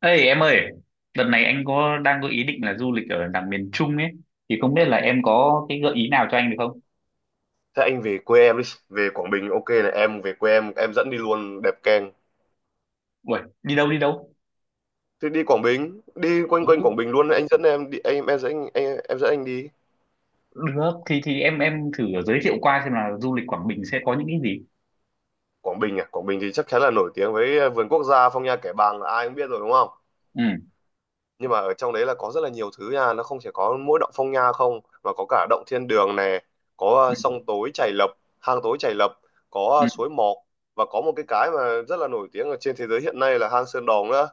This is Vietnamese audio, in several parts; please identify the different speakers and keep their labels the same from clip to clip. Speaker 1: Ê em ơi, đợt này anh có đang có ý định là du lịch ở đằng miền Trung ấy, thì không biết là em có cái gợi ý nào cho anh được không?
Speaker 2: Thế anh về quê em đi, về Quảng Bình ok này, em về quê em dẫn đi luôn đẹp keng.
Speaker 1: Uầy, đi đâu đi đâu?
Speaker 2: Thế đi Quảng Bình, đi quanh quanh
Speaker 1: Ừ,
Speaker 2: Quảng Bình luôn, anh dẫn em đi em dẫn anh em dẫn anh đi.
Speaker 1: được, thì em thử giới thiệu qua xem là du lịch Quảng Bình sẽ có những cái gì.
Speaker 2: Quảng Bình à, Quảng Bình thì chắc chắn là nổi tiếng với vườn quốc gia Phong Nha Kẻ Bàng là ai cũng biết rồi đúng không?
Speaker 1: Ừ.
Speaker 2: Nhưng mà ở trong đấy là có rất là nhiều thứ nha, nó không chỉ có mỗi động Phong Nha không mà có cả động Thiên Đường này, có
Speaker 1: Ừ.
Speaker 2: sông tối Chày Lập, hang tối Chày Lập, có
Speaker 1: Ừ.
Speaker 2: suối Mọc, và có một cái mà rất là nổi tiếng ở trên thế giới hiện nay là hang Sơn Đòn nữa.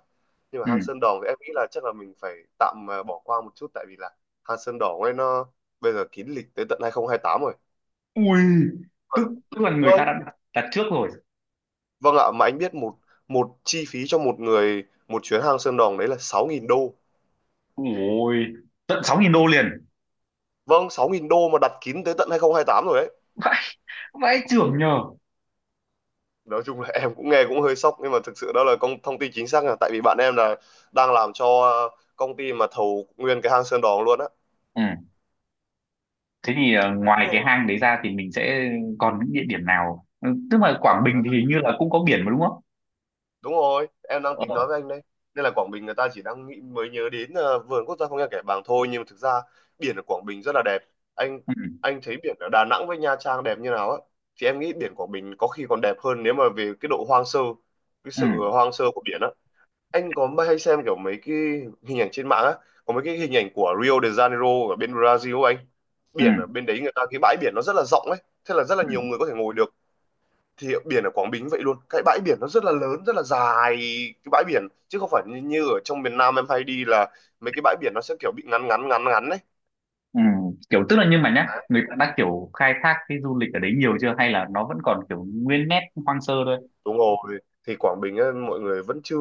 Speaker 2: Nhưng mà
Speaker 1: Ừ.
Speaker 2: hang Sơn Đòn thì em nghĩ là chắc là mình phải tạm bỏ qua một chút, tại vì là hang Sơn Đòn ấy nó bây giờ kín lịch tới tận 2028 rồi.
Speaker 1: Ui,
Speaker 2: Vâng,
Speaker 1: tức tức là người ta đã
Speaker 2: vâng
Speaker 1: đặt trước rồi.
Speaker 2: Vâng ạ. Mà anh biết một một chi phí cho một người một chuyến hang Sơn Đòn đấy là 6.000 đô.
Speaker 1: Ui, tận 6000 đô liền.
Speaker 2: Vâng, 6.000 đô mà đặt kín tới tận 2028 rồi đấy.
Speaker 1: Vãi, vãi chưởng nhờ.
Speaker 2: Nói chung là em cũng nghe cũng hơi sốc, nhưng mà thực sự đó là công thông tin chính xác, là tại vì bạn em là đang làm cho công ty mà thầu nguyên cái hang Sơn Đoòng luôn á.
Speaker 1: Ừ, thế thì ngoài
Speaker 2: Ừ.
Speaker 1: cái hang đấy ra thì mình sẽ còn những địa điểm nào? Ừ, tức là Quảng Bình thì
Speaker 2: À,
Speaker 1: hình như là cũng có biển mà đúng không?
Speaker 2: đúng rồi em đang tính nói
Speaker 1: Ờ.
Speaker 2: với anh đây. Nên là Quảng Bình người ta chỉ đang nghĩ mới nhớ đến vườn quốc gia Phong Nha Kẻ Bàng thôi, nhưng mà thực ra biển ở Quảng Bình rất là đẹp anh
Speaker 1: Ừ.
Speaker 2: anh thấy biển ở Đà Nẵng với Nha Trang đẹp như nào á, thì em nghĩ biển Quảng Bình có khi còn đẹp hơn nếu mà về cái độ hoang sơ, cái sự
Speaker 1: Ừ.
Speaker 2: hoang sơ của biển á. Anh có hay xem kiểu mấy cái hình ảnh trên mạng á, có mấy cái hình ảnh của Rio de Janeiro ở bên Brazil ấy anh, biển ở
Speaker 1: Ừ.
Speaker 2: bên đấy người ta cái bãi biển nó rất là rộng ấy, thế là rất là nhiều
Speaker 1: Ừ.
Speaker 2: người có thể ngồi được. Thì biển ở Quảng Bình vậy luôn, cái bãi biển nó rất là lớn, rất là dài, cái bãi biển chứ không phải như ở trong miền Nam em hay đi là mấy cái bãi biển nó sẽ kiểu bị ngắn ngắn ngắn ngắn ấy.
Speaker 1: Ừ. Kiểu tức là nhưng mà nhá người ta đã kiểu khai thác cái du lịch ở đấy nhiều chưa hay là nó vẫn còn kiểu nguyên nét hoang sơ thôi.
Speaker 2: Đúng rồi, thì Quảng Bình ấy, mọi người vẫn chưa,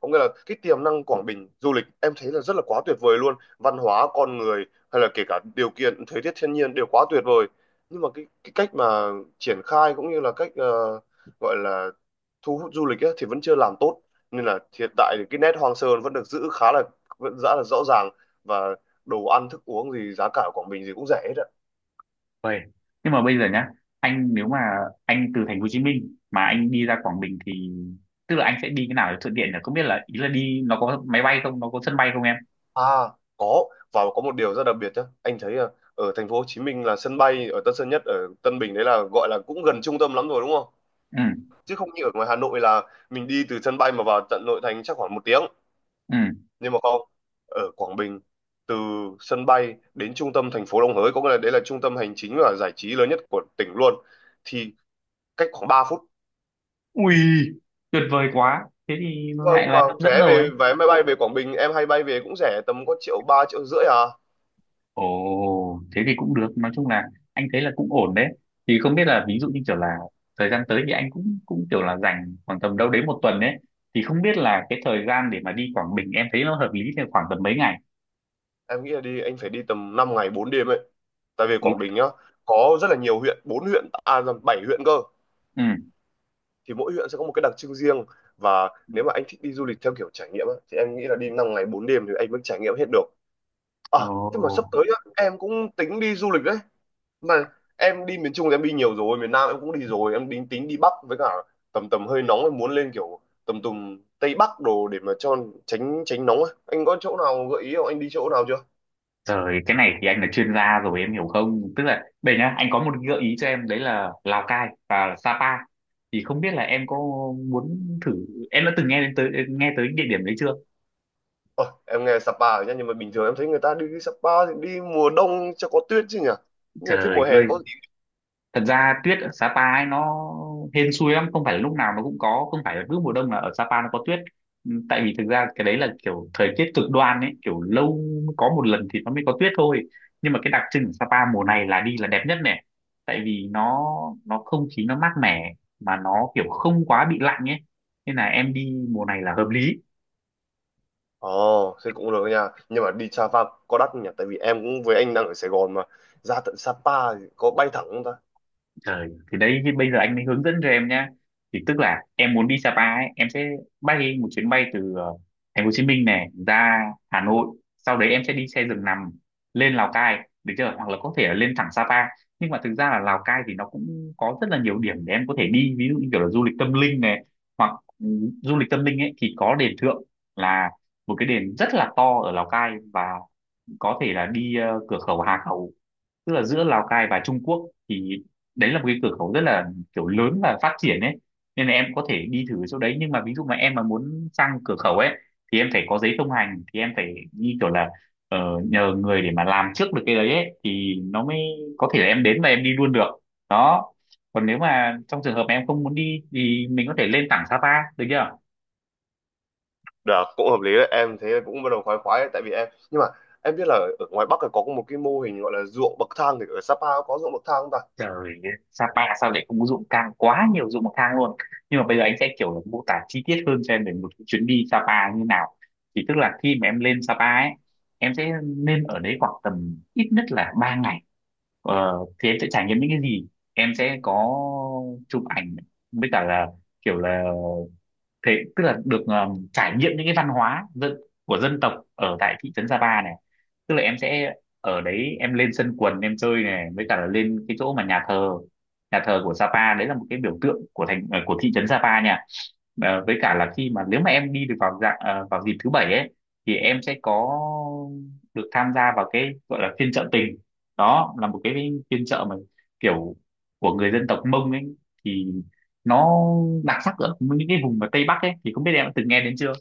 Speaker 2: có nghĩa là cái tiềm năng Quảng Bình du lịch em thấy là rất là quá tuyệt vời luôn, văn hóa, con người hay là kể cả điều kiện thời tiết thiên nhiên đều quá tuyệt vời. Nhưng mà cái cách mà triển khai cũng như là cách gọi là thu hút du lịch ấy, thì vẫn chưa làm tốt, nên là hiện tại thì cái nét hoang sơ vẫn được giữ khá là, vẫn rất là rõ ràng, và đồ ăn thức uống gì giá cả ở Quảng Bình gì cũng rẻ hết.
Speaker 1: Vậy, nhưng mà bây giờ nhá, anh nếu mà anh từ thành phố Hồ Chí Minh mà anh đi ra Quảng Bình thì tức là anh sẽ đi cái nào để thuận tiện nhỉ, không biết là ý là đi nó có máy bay không, nó có sân bay không em?
Speaker 2: À có, và có một điều rất đặc biệt nhé anh thấy là ở thành phố Hồ Chí Minh là sân bay ở Tân Sơn Nhất ở Tân Bình đấy là gọi là cũng gần trung tâm lắm rồi đúng không,
Speaker 1: Ừ.
Speaker 2: chứ không như ở ngoài Hà Nội là mình đi từ sân bay mà vào tận nội thành chắc khoảng 1 tiếng.
Speaker 1: Ừ.
Speaker 2: Nhưng mà không, ở Quảng Bình từ sân bay đến trung tâm thành phố Đồng Hới, có nghĩa là đấy là trung tâm hành chính và giải trí lớn nhất của tỉnh luôn, thì cách khoảng 3 phút.
Speaker 1: Ui, tuyệt vời quá, thế thì
Speaker 2: Vâng,
Speaker 1: lại
Speaker 2: mà
Speaker 1: là hấp dẫn
Speaker 2: vé
Speaker 1: rồi.
Speaker 2: về vé máy bay về Quảng Bình em hay bay về cũng rẻ tầm có triệu ba triệu rưỡi à.
Speaker 1: Ồ, thế thì cũng được. Nói chung là anh thấy là cũng ổn đấy. Thì không biết là ví dụ như kiểu là thời gian tới thì anh cũng cũng kiểu là dành khoảng tầm đâu đấy một tuần đấy. Thì không biết là cái thời gian để mà đi Quảng Bình em thấy nó hợp lý thì khoảng tầm mấy ngày?
Speaker 2: Em nghĩ là đi anh phải đi tầm 5 ngày 4 đêm ấy, tại vì Quảng Bình nhá có rất là nhiều huyện, bốn huyện à nhầm, bảy huyện cơ.
Speaker 1: Ừ.
Speaker 2: Thì mỗi huyện sẽ có một cái đặc trưng riêng, và nếu mà anh thích đi du lịch theo kiểu trải nghiệm á, thì em nghĩ là đi 5 ngày 4 đêm thì anh mới trải nghiệm hết được à.
Speaker 1: Ồ,
Speaker 2: Thế mà sắp tới á, em cũng tính đi du lịch đấy. Mà em đi miền Trung thì em đi nhiều rồi, miền Nam em cũng đi rồi, em tính tính đi Bắc với cả tầm tầm hơi nóng em muốn lên kiểu tầm tầm Tây Bắc đồ để mà cho tránh tránh nóng á. Anh có chỗ nào gợi ý không, anh đi chỗ nào chưa?
Speaker 1: trời, cái này thì anh là chuyên gia rồi em hiểu không? Tức là đây nhá, anh có một gợi ý cho em đấy là Lào Cai và Sapa. Thì không biết là em có muốn thử, em đã từng nghe đến tới nghe tới địa điểm đấy chưa?
Speaker 2: Ôi, em nghe Sapa rồi nhá, nhưng mà bình thường em thấy người ta đi Sapa thì đi mùa đông cho có tuyết chứ nhỉ, nhưng mà thế
Speaker 1: Trời
Speaker 2: mùa hè
Speaker 1: ơi,
Speaker 2: có gì?
Speaker 1: thật ra tuyết ở Sapa ấy nó hên xui lắm, không phải là lúc nào nó cũng có, không phải là cứ mùa đông là ở Sapa nó có tuyết. Ừ, tại vì thực ra cái đấy là kiểu thời tiết cực đoan ấy, kiểu lâu mới có một lần thì nó mới có tuyết thôi. Nhưng mà cái đặc trưng của Sapa mùa này là đi là đẹp nhất này, tại vì nó không khí nó mát mẻ mà nó kiểu không quá bị lạnh ấy, nên là em đi mùa này là hợp lý.
Speaker 2: Ồ thế cũng được nha, nhưng mà đi Sapa có đắt không nhỉ, tại vì em cũng với anh đang ở Sài Gòn mà ra tận Sapa thì có bay thẳng không ta?
Speaker 1: Trời, thì đấy thì bây giờ anh mới hướng dẫn cho em nhá. Thì tức là em muốn đi Sapa ấy, em sẽ bay một chuyến bay từ thành phố Hồ Chí Minh này ra Hà Nội, sau đấy em sẽ đi xe giường nằm lên Lào Cai, được chưa? Hoặc là có thể là lên thẳng Sapa. Nhưng mà thực ra là Lào Cai thì nó cũng có rất là nhiều điểm để em có thể đi, ví dụ như kiểu là du lịch tâm linh này, hoặc ừ, du lịch tâm linh ấy thì có đền Thượng là một cái đền rất là to ở Lào Cai, và có thể là đi cửa khẩu Hà Khẩu tức là giữa Lào Cai và Trung Quốc, thì đấy là một cái cửa khẩu rất là kiểu lớn và phát triển ấy, nên là em có thể đi thử chỗ đấy. Nhưng mà ví dụ mà em mà muốn sang cửa khẩu ấy thì em phải có giấy thông hành, thì em phải đi kiểu là ờ, nhờ người để mà làm trước được cái đấy ấy, thì nó mới có thể là em đến và em đi luôn được đó. Còn nếu mà trong trường hợp mà em không muốn đi thì mình có thể lên thẳng Sapa, được chưa?
Speaker 2: Được, cũng hợp lý đấy em, thế cũng bắt đầu khoái khoái đấy, tại vì em, nhưng mà em biết là ở ngoài Bắc là có một cái mô hình gọi là ruộng bậc thang, thì ở Sapa có ruộng bậc thang không ta?
Speaker 1: Trời, Sapa sao lại không, dụng cang quá nhiều dụng cang luôn. Nhưng mà bây giờ anh sẽ kiểu mô tả chi tiết hơn cho em về một cái chuyến đi Sapa như nào. Thì tức là khi mà em lên Sapa ấy, em sẽ nên ở đấy khoảng tầm ít nhất là 3 ngày. Thì em sẽ trải nghiệm những cái gì, em sẽ có chụp ảnh với cả là kiểu là thế, tức là được trải nghiệm những cái văn hóa dân, của dân tộc ở tại thị trấn Sapa này. Tức là em sẽ ở đấy, em lên sân quần em chơi này, với cả là lên cái chỗ mà nhà thờ của Sapa đấy là một cái biểu tượng của thành của thị trấn Sapa nha. Ờ, với cả là khi mà nếu mà em đi được vào dạng vào dịp thứ bảy ấy, thì em sẽ có được tham gia vào cái gọi là phiên chợ tình. Đó là một cái phiên chợ mà kiểu của người dân tộc Mông ấy, thì nó đặc sắc ở những cái vùng ở Tây Bắc ấy, thì không biết em đã từng nghe đến chưa?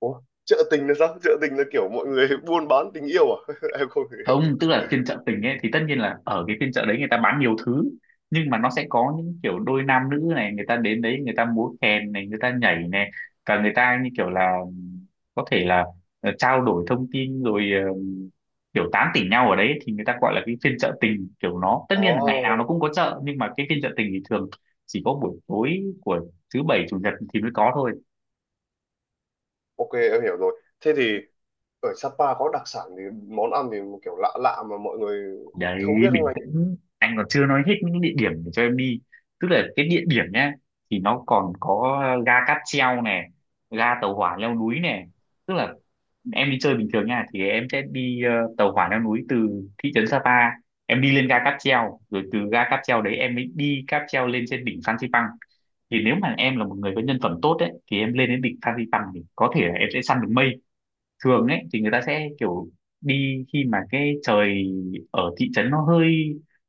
Speaker 2: Ủa chợ tình là sao, chợ tình là kiểu mọi người buôn bán tình yêu à? Em không hiểu.
Speaker 1: Không, tức là phiên chợ tình ấy thì tất nhiên là ở cái phiên chợ đấy người ta bán nhiều thứ, nhưng mà nó sẽ có những kiểu đôi nam nữ này, người ta đến đấy người ta múa kèn này, người ta nhảy này, và người ta như kiểu là có thể là trao đổi thông tin rồi kiểu tán tỉnh nhau ở đấy, thì người ta gọi là cái phiên chợ tình. Kiểu nó tất nhiên là ngày nào nó cũng
Speaker 2: Ồ,
Speaker 1: có chợ, nhưng mà cái phiên chợ tình thì thường chỉ có buổi tối của thứ bảy chủ nhật thì mới có thôi.
Speaker 2: ok em hiểu rồi. Thế thì ở Sapa có đặc sản thì món ăn thì một kiểu lạ lạ mà mọi người
Speaker 1: Đấy,
Speaker 2: không biết không
Speaker 1: bình
Speaker 2: anh?
Speaker 1: tĩnh, anh còn chưa nói hết những địa điểm để cho em đi. Tức là cái địa điểm nhá, thì nó còn có ga cáp treo này, ga tàu hỏa leo núi này. Tức là em đi chơi bình thường nha thì em sẽ đi tàu hỏa leo núi từ thị trấn Sapa, em đi lên ga cáp treo, rồi từ ga cáp treo đấy em mới đi cáp treo lên trên đỉnh Phan Xipang. Thì nếu mà em là một người có nhân phẩm tốt đấy thì em lên đến đỉnh Phan Xipang thì có thể là em sẽ săn được mây. Thường ấy thì người ta sẽ kiểu đi khi mà cái trời ở thị trấn nó hơi,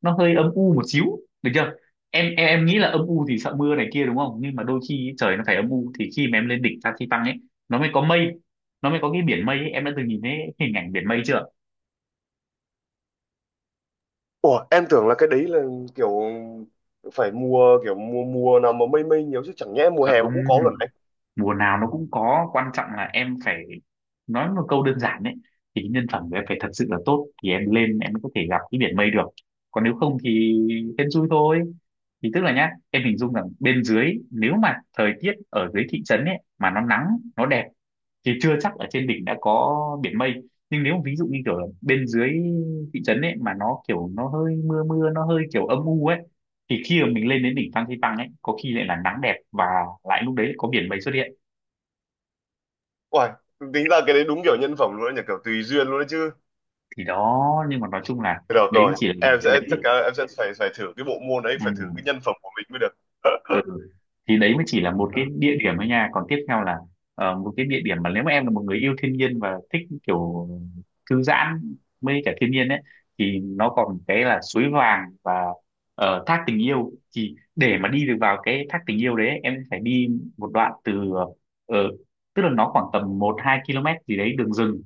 Speaker 1: nó hơi âm u một xíu, được chưa? Em nghĩ là âm u thì sợ mưa này kia đúng không, nhưng mà đôi khi ý, trời nó phải âm u thì khi mà em lên đỉnh Phan Xi păng ấy nó mới có mây, nó mới có cái biển mây ấy. Em đã từng nhìn thấy hình ảnh biển mây chưa?
Speaker 2: Ủa em tưởng là cái đấy là kiểu phải mùa kiểu mùa mùa nào mà mây mây nhiều chứ, chẳng nhẽ mùa hè mà
Speaker 1: Không,
Speaker 2: cũng có luôn anh?
Speaker 1: mùa nào nó cũng có, quan trọng là em phải nói một câu đơn giản đấy, thì cái nhân phẩm của em phải thật sự là tốt thì em lên em có thể gặp cái biển mây được, còn nếu không thì hên xui thôi. Thì tức là nhá, em hình dung rằng bên dưới, nếu mà thời tiết ở dưới thị trấn ấy mà nó nắng, nó đẹp, thì chưa chắc ở trên đỉnh đã có biển mây. Nhưng nếu ví dụ như kiểu là bên dưới thị trấn ấy mà nó kiểu nó hơi mưa mưa, nó hơi kiểu âm u ấy, thì khi mà mình lên đến đỉnh Phan Xipang ấy có khi lại là nắng đẹp và lại lúc đấy có biển mây xuất hiện.
Speaker 2: Uầy, tính ra cái đấy đúng kiểu nhân phẩm luôn đấy nhỉ, kiểu tùy duyên luôn đấy chứ.
Speaker 1: Thì đó, nhưng mà nói chung là
Speaker 2: Được
Speaker 1: đấy mới
Speaker 2: rồi,
Speaker 1: chỉ là
Speaker 2: em sẽ
Speaker 1: đấy.
Speaker 2: chắc là em sẽ phải phải thử cái bộ môn đấy, phải thử cái
Speaker 1: Ừ.
Speaker 2: nhân phẩm của mình mới được.
Speaker 1: Ừ. Thì đấy mới chỉ là một cái địa điểm thôi nha, còn tiếp theo là một cái địa điểm mà nếu mà em là một người yêu thiên nhiên và thích kiểu thư giãn, mê cả thiên nhiên ấy, thì nó còn cái là suối vàng và thác tình yêu. Thì để mà đi được vào cái thác tình yêu đấy ấy, em phải đi một đoạn từ ờ, tức là nó khoảng tầm 1 2 km gì đấy đường rừng,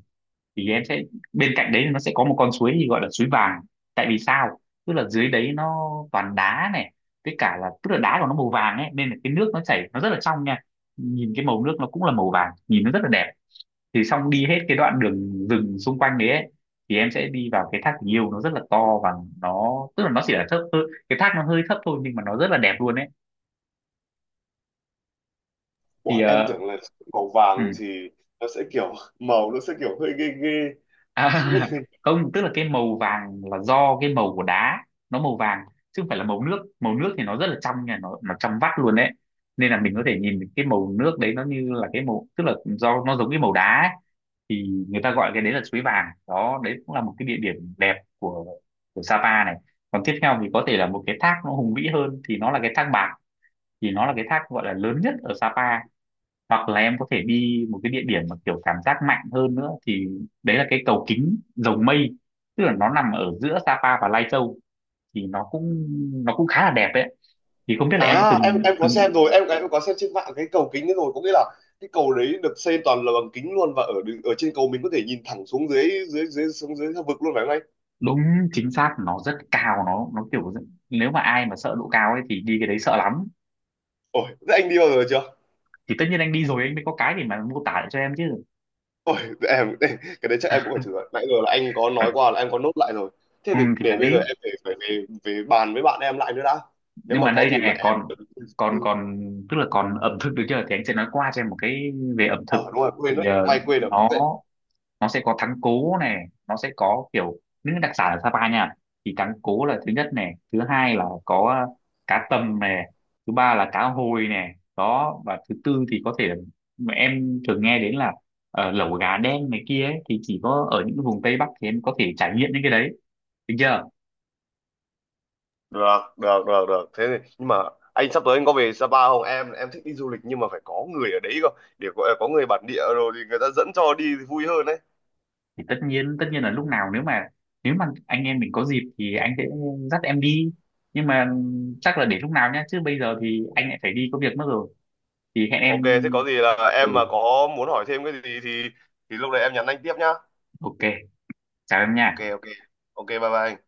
Speaker 1: thì em sẽ, bên cạnh đấy nó sẽ có một con suối thì gọi là suối vàng. Tại vì sao? Tức là dưới đấy nó toàn đá này, với cả là tức là đá của nó màu vàng ấy, nên là cái nước nó chảy nó rất là trong nha, nhìn cái màu nước nó cũng là màu vàng, nhìn nó rất là đẹp. Thì xong đi hết cái đoạn đường rừng xung quanh đấy ấy, thì em sẽ đi vào cái thác tình yêu, nó rất là to và nó, tức là nó chỉ là thấp hơi- cái thác nó hơi thấp thôi nhưng mà nó rất là đẹp luôn ấy.
Speaker 2: Ủa
Speaker 1: Thì
Speaker 2: em tưởng là màu
Speaker 1: ừ.
Speaker 2: vàng thì nó sẽ kiểu màu nó sẽ kiểu hơi ghê ghê.
Speaker 1: À, không, tức là cái màu vàng là do cái màu của đá nó màu vàng, chứ không phải là màu nước. Màu nước thì nó rất là trong nha, nó trong vắt luôn đấy, nên là mình có thể nhìn cái màu nước đấy nó như là cái màu, tức là do nó giống cái màu đá ấy. Thì người ta gọi cái đấy là suối vàng đó, đấy cũng là một cái địa điểm đẹp của Sapa này. Còn tiếp theo thì có thể là một cái thác nó hùng vĩ hơn, thì nó là cái thác bạc, thì nó là cái thác gọi là lớn nhất ở Sapa. Hoặc là em có thể đi một cái địa điểm mà kiểu cảm giác mạnh hơn nữa, thì đấy là cái cầu kính dầu Mây, tức là nó nằm ở giữa Sapa và Lai Châu, thì nó cũng khá là đẹp đấy. Thì không biết là em đã
Speaker 2: À, em
Speaker 1: từng
Speaker 2: em có
Speaker 1: từng
Speaker 2: xem rồi, em có xem trên mạng cái cầu kính ấy rồi, có nghĩa là cái cầu đấy được xây toàn là bằng kính luôn, và ở ở trên cầu mình có thể nhìn thẳng xuống dưới dưới dưới xuống dưới vực luôn phải không anh?
Speaker 1: đúng, chính xác, nó rất cao, nó kiểu rất-, nếu mà ai mà sợ độ cao ấy thì đi cái đấy sợ lắm.
Speaker 2: Ôi, thế anh đi bao giờ chưa?
Speaker 1: Thì tất nhiên anh đi rồi anh mới có cái để mà mô tả lại cho em chứ.
Speaker 2: Ôi, để em để, cái đấy chắc em cũng phải thử rồi. Nãy giờ là anh có
Speaker 1: Ờ,
Speaker 2: nói qua là em có nốt lại rồi. Thế
Speaker 1: ừ,
Speaker 2: thì
Speaker 1: thì
Speaker 2: để bây giờ
Speaker 1: đấy,
Speaker 2: em phải phải về về bàn với bạn em lại nữa đã. Nếu
Speaker 1: nhưng
Speaker 2: mà
Speaker 1: mà
Speaker 2: có
Speaker 1: đây này
Speaker 2: gì mà
Speaker 1: này, còn
Speaker 2: em.
Speaker 1: còn còn tức là còn ẩm thực, được chưa, thì anh sẽ nói qua cho em một cái về ẩm thực.
Speaker 2: Ờ đúng rồi quên
Speaker 1: Thì
Speaker 2: đấy, may quên được.
Speaker 1: nó nó sẽ có thắng cố này, nó sẽ có kiểu những đặc sản ở Sapa nha. Thì thắng cố là thứ nhất này, thứ hai là có cá tầm này, thứ ba là cá hồi này đó, và thứ tư thì có thể là mà em thường nghe đến là lẩu gà đen này kia ấy, thì chỉ có ở những vùng Tây Bắc thì em có thể trải nghiệm những cái đấy, được chưa?
Speaker 2: Được, được, được, được, thế thì nhưng mà anh sắp tới anh có về Sapa không, em thích đi du lịch nhưng mà phải có người ở đấy cơ, để có người bản địa rồi thì người ta dẫn cho đi thì vui hơn đấy.
Speaker 1: Thì tất nhiên là lúc nào, nếu mà anh em mình có dịp thì anh sẽ dắt em đi, nhưng mà chắc là để lúc nào nhá, chứ bây giờ thì anh lại phải đi có việc mất rồi, thì hẹn em.
Speaker 2: Ok thế có gì là em mà
Speaker 1: Ừ.
Speaker 2: có muốn hỏi thêm cái gì thì lúc đấy em nhắn anh tiếp nhá.
Speaker 1: Ok, chào em nha.
Speaker 2: Ok, ok, ok, bye bye anh.